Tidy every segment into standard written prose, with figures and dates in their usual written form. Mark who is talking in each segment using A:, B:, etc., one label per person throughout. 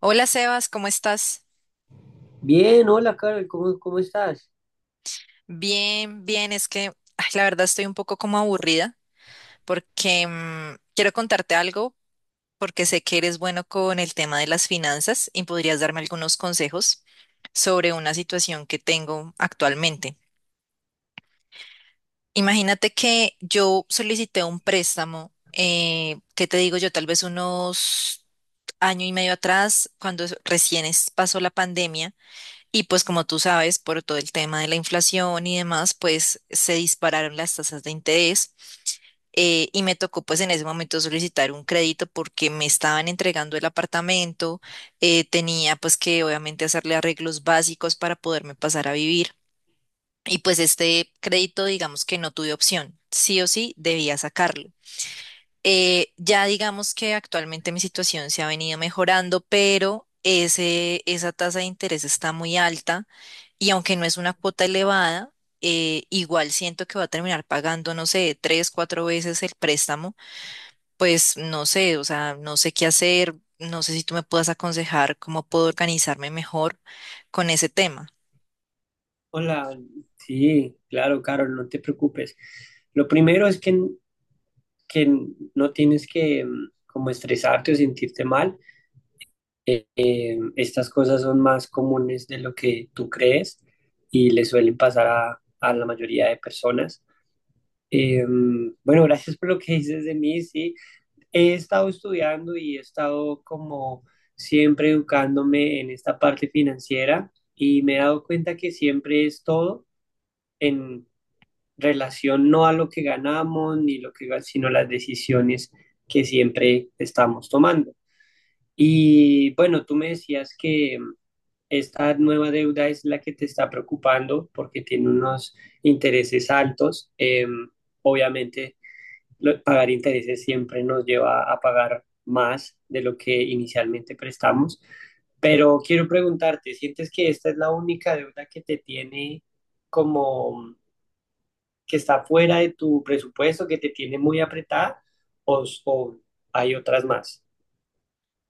A: Hola Sebas, ¿cómo estás?
B: Bien, hola Carol, ¿cómo estás?
A: Bien, bien, es que ay, la verdad estoy un poco como aburrida porque quiero contarte algo porque sé que eres bueno con el tema de las finanzas y podrías darme algunos consejos sobre una situación que tengo actualmente. Imagínate que yo solicité un préstamo, ¿qué te digo yo? Tal vez unos año y medio atrás, cuando recién pasó la pandemia. Y pues como tú sabes, por todo el tema de la inflación y demás, pues se dispararon las tasas de interés. Y me tocó pues en ese momento solicitar un crédito porque me estaban entregando el apartamento. Tenía pues que obviamente hacerle arreglos básicos para poderme pasar a vivir y pues este crédito, digamos que no tuve opción, sí o sí debía sacarlo. Ya digamos que actualmente mi situación se ha venido mejorando, pero esa tasa de interés está muy alta y aunque no es una cuota elevada, igual siento que va a terminar pagando, no sé, tres, cuatro veces el préstamo. Pues no sé, o sea, no sé qué hacer, no sé si tú me puedas aconsejar cómo puedo organizarme mejor con ese tema.
B: Hola, sí, claro, Carol, no te preocupes. Lo primero es que no tienes que como estresarte o sentirte mal. Estas cosas son más comunes de lo que tú crees y le suelen pasar a la mayoría de personas. Bueno, gracias por lo que dices de mí, sí. He estado estudiando y he estado como siempre educándome en esta parte financiera y me he dado cuenta que siempre es todo en relación no a lo que ganamos ni sino las decisiones que siempre estamos tomando. Y bueno, tú me decías que esta nueva deuda es la que te está preocupando porque tiene unos intereses altos. Obviamente pagar intereses siempre nos lleva a pagar más de lo que inicialmente prestamos. Pero quiero preguntarte, ¿sientes que esta es la única deuda que te tiene como que está fuera de tu presupuesto, que te tiene muy apretada o hay otras más?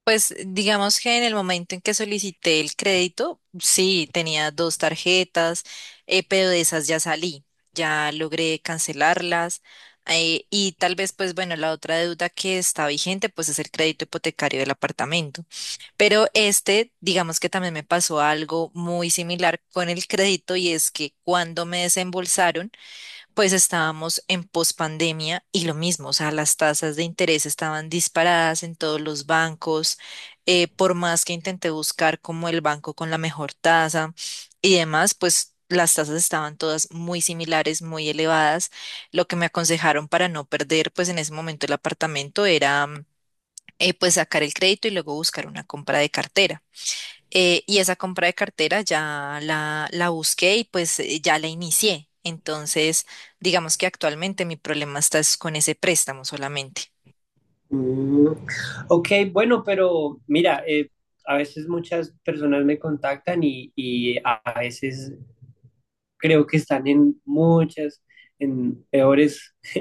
A: Pues digamos que en el momento en que solicité el crédito, sí, tenía dos tarjetas, pero de esas ya salí, ya logré cancelarlas. Y tal vez, pues bueno, la otra deuda que está vigente, pues es el crédito hipotecario del apartamento. Pero este, digamos que también me pasó algo muy similar con el crédito, y es que cuando me desembolsaron, pues estábamos en pospandemia y lo mismo, o sea, las tasas de interés estaban disparadas en todos los bancos. Por más que intenté buscar como el banco con la mejor tasa y demás, pues las tasas estaban todas muy similares, muy elevadas. Lo que me aconsejaron para no perder, pues en ese momento el apartamento, era, pues sacar el crédito y luego buscar una compra de cartera. Y esa compra de cartera ya la busqué, y pues ya la inicié. Entonces, digamos que actualmente mi problema está es con ese préstamo solamente.
B: Mm, ok, bueno, pero mira, a veces muchas personas me contactan y a veces creo que están en en peores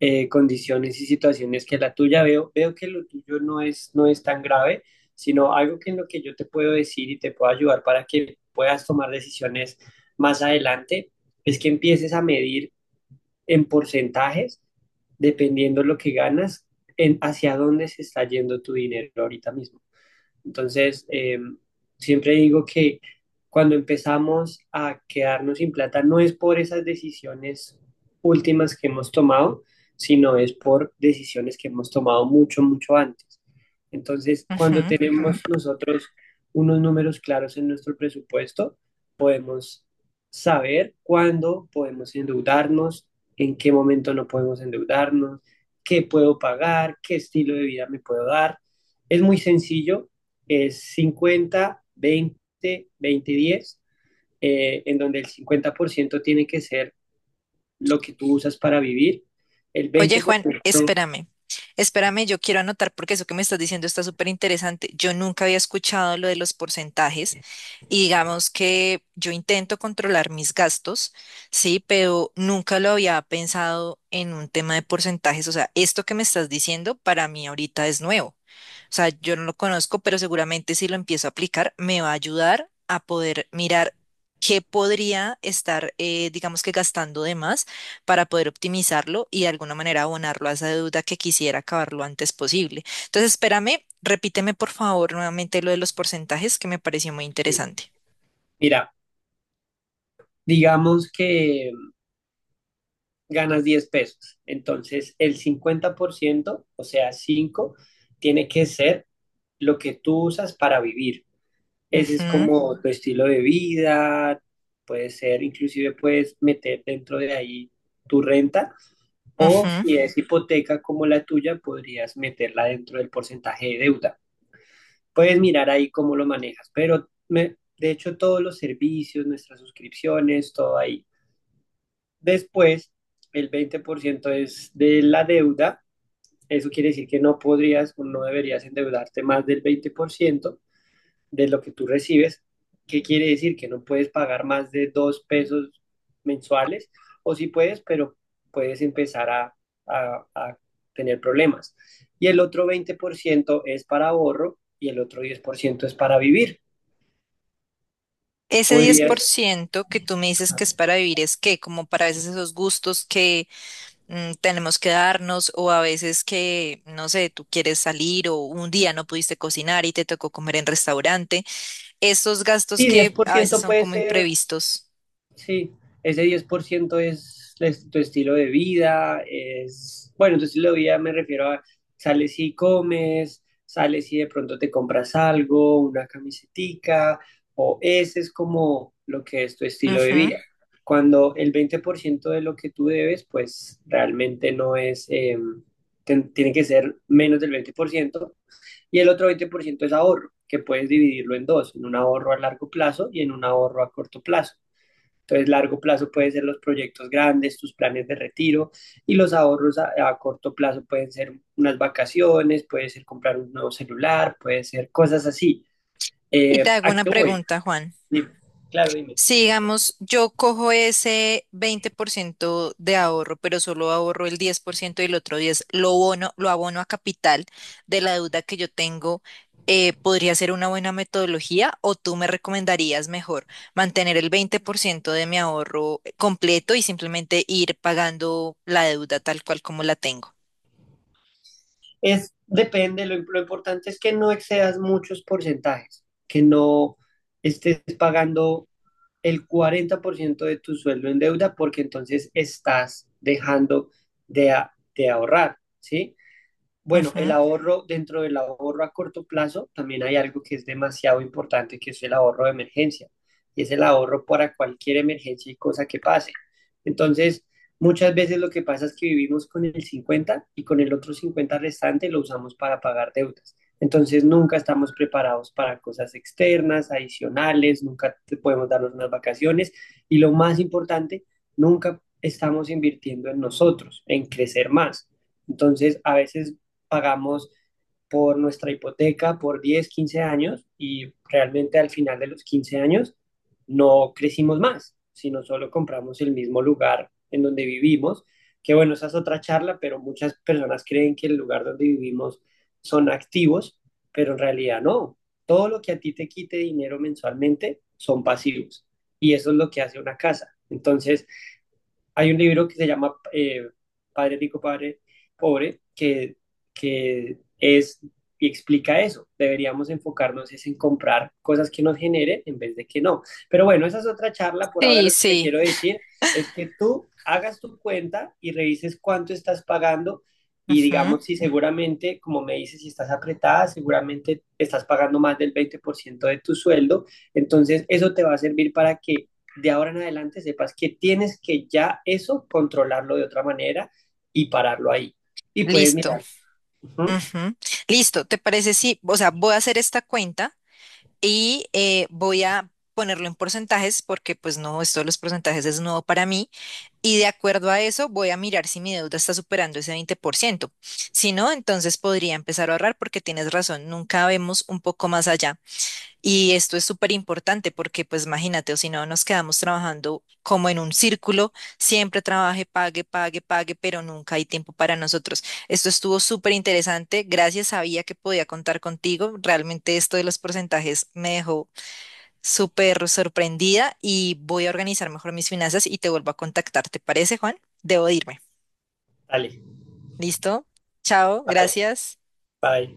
B: condiciones y situaciones que la tuya. Veo que lo tuyo no es tan grave, sino algo que en lo que yo te puedo decir y te puedo ayudar para que puedas tomar decisiones más adelante, es que empieces a medir en porcentajes, dependiendo lo que ganas, en hacia dónde se está yendo tu dinero ahorita mismo. Entonces, siempre digo que cuando empezamos a quedarnos sin plata no es por esas decisiones últimas que hemos tomado, sino es por decisiones que hemos tomado mucho, mucho antes. Entonces, cuando
A: Ujú.
B: tenemos nosotros unos números claros en nuestro presupuesto, podemos saber cuándo podemos endeudarnos, en qué momento no podemos endeudarnos, qué puedo pagar, qué estilo de vida me puedo dar. Es muy sencillo, es 50 20 20 10, en donde el 50% tiene que ser lo que tú usas para vivir. El
A: Oye, Juan,
B: 20%,
A: espérame, espérame, yo quiero anotar porque eso que me estás diciendo está súper interesante. Yo nunca había escuchado lo de los porcentajes, y digamos que yo intento controlar mis gastos, sí, pero nunca lo había pensado en un tema de porcentajes. O sea, esto que me estás diciendo, para mí ahorita es nuevo. O sea, yo no lo conozco, pero seguramente si lo empiezo a aplicar me va a ayudar a poder mirar qué podría estar, digamos que gastando de más, para poder optimizarlo y de alguna manera abonarlo a esa deuda que quisiera acabar lo antes posible. Entonces, espérame, repíteme por favor nuevamente lo de los porcentajes que me pareció muy interesante.
B: mira, digamos que ganas 10 pesos, entonces el 50%, o sea, cinco, tiene que ser lo que tú usas para vivir. Ese es
A: Ujú,
B: como tu estilo de vida, puede ser, inclusive puedes meter dentro de ahí tu renta. O
A: ujú.
B: si es hipoteca como la tuya, podrías meterla dentro del porcentaje de deuda. Puedes mirar ahí cómo lo manejas, pero de hecho todos los servicios, nuestras suscripciones, todo ahí. Después, el 20% es de la deuda. Eso quiere decir que no podrías o no deberías endeudarte más del 20% de lo que tú recibes. ¿Qué quiere decir? Que no puedes pagar más de 2 pesos mensuales, o si sí puedes, pero puedes empezar a tener problemas. Y el otro 20% es para ahorro y el otro 10% es para vivir.
A: Ese diez por
B: Podrías,
A: ciento que tú me dices que es para vivir, es que como para a veces esos gustos que tenemos que darnos, o a veces que, no sé, tú quieres salir o un día no pudiste cocinar y te tocó comer en restaurante, esos gastos
B: y diez
A: que
B: por
A: a veces
B: ciento
A: son
B: puede
A: como
B: ser.
A: imprevistos.
B: Sí, ese 10% es tu estilo de vida, es, bueno, tu estilo de vida me refiero a sales y comes, sales y de pronto te compras algo, una camisetica, o ese es como lo que es tu estilo de
A: Ujú.
B: vida. Cuando el 20% de lo que tú debes, pues realmente no es, tiene que ser menos del 20% y el otro 20% es ahorro, que puedes dividirlo en dos, en un ahorro a largo plazo y en un ahorro a corto plazo. Entonces, largo plazo pueden ser los proyectos grandes, tus planes de retiro y los ahorros corto plazo pueden ser unas vacaciones, puede ser comprar un nuevo celular, puede ser cosas así.
A: Y te hago
B: ¿A
A: una
B: qué voy?
A: pregunta, Juan.
B: Dime, claro, dime.
A: Si digamos, yo cojo ese 20% de ahorro, pero solo ahorro el 10% y el otro 10% lo abono a capital de la deuda que yo tengo, ¿podría ser una buena metodología, o tú me recomendarías mejor mantener el 20% de mi ahorro completo y simplemente ir pagando la deuda tal cual como la tengo?
B: Es, depende, lo importante es que no excedas muchos porcentajes, que no estés pagando el 40% de tu sueldo en deuda porque entonces estás dejando de ahorrar, ¿sí? Bueno, el
A: Ujú.
B: ahorro, dentro del ahorro a corto plazo, también hay algo que es demasiado importante, que es el ahorro de emergencia. Y es el ahorro para cualquier emergencia y cosa que pase. Entonces, muchas veces lo que pasa es que vivimos con el 50 y con el otro 50 restante lo usamos para pagar deudas. Entonces, nunca estamos preparados para cosas externas, adicionales, nunca podemos darnos unas vacaciones. Y lo más importante, nunca estamos invirtiendo en nosotros, en crecer más. Entonces, a veces pagamos por nuestra hipoteca por 10 15 años y realmente al final de los 15 años no crecimos más, sino solo compramos el mismo lugar en donde vivimos, que bueno, esa es otra charla, pero muchas personas creen que el lugar donde vivimos son activos, pero en realidad no. Todo lo que a ti te quite dinero mensualmente son pasivos y eso es lo que hace una casa. Entonces, hay un libro que se llama Padre Rico, Padre Pobre, que es y explica eso. Deberíamos enfocarnos es en comprar cosas que nos generen en vez de que no. Pero bueno, esa es otra charla. Por ahora
A: Sí,
B: lo que te
A: sí.
B: quiero decir es que tú hagas tu cuenta y revises cuánto estás pagando y
A: Ujú.
B: digamos si seguramente, como me dices, si estás apretada, seguramente estás pagando más del 20% de tu sueldo. Entonces eso te va a servir para que de ahora en adelante sepas que tienes que ya eso controlarlo de otra manera y pararlo ahí. Y puedes
A: Listo.
B: mirar. Ujú.
A: Ujú. Listo. ¿Te parece? Sí, o sea, voy a hacer esta cuenta y voy a ponerlo en porcentajes, porque pues no, esto de los porcentajes es nuevo para mí, y de acuerdo a eso voy a mirar si mi deuda está superando ese 20%. Si no, entonces podría empezar a ahorrar, porque tienes razón, nunca vemos un poco más allá, y esto es súper importante, porque pues imagínate, o si no nos quedamos trabajando como en un círculo, siempre trabaje, pague, pague, pague, pero nunca hay tiempo para nosotros. Esto estuvo súper interesante, gracias, sabía que podía contar contigo. Realmente esto de los porcentajes me dejó súper sorprendida, y voy a organizar mejor mis finanzas y te vuelvo a contactar. ¿Te parece, Juan? Debo de irme.
B: Dale,
A: ¿Listo? Chao,
B: bye,
A: gracias.
B: bye.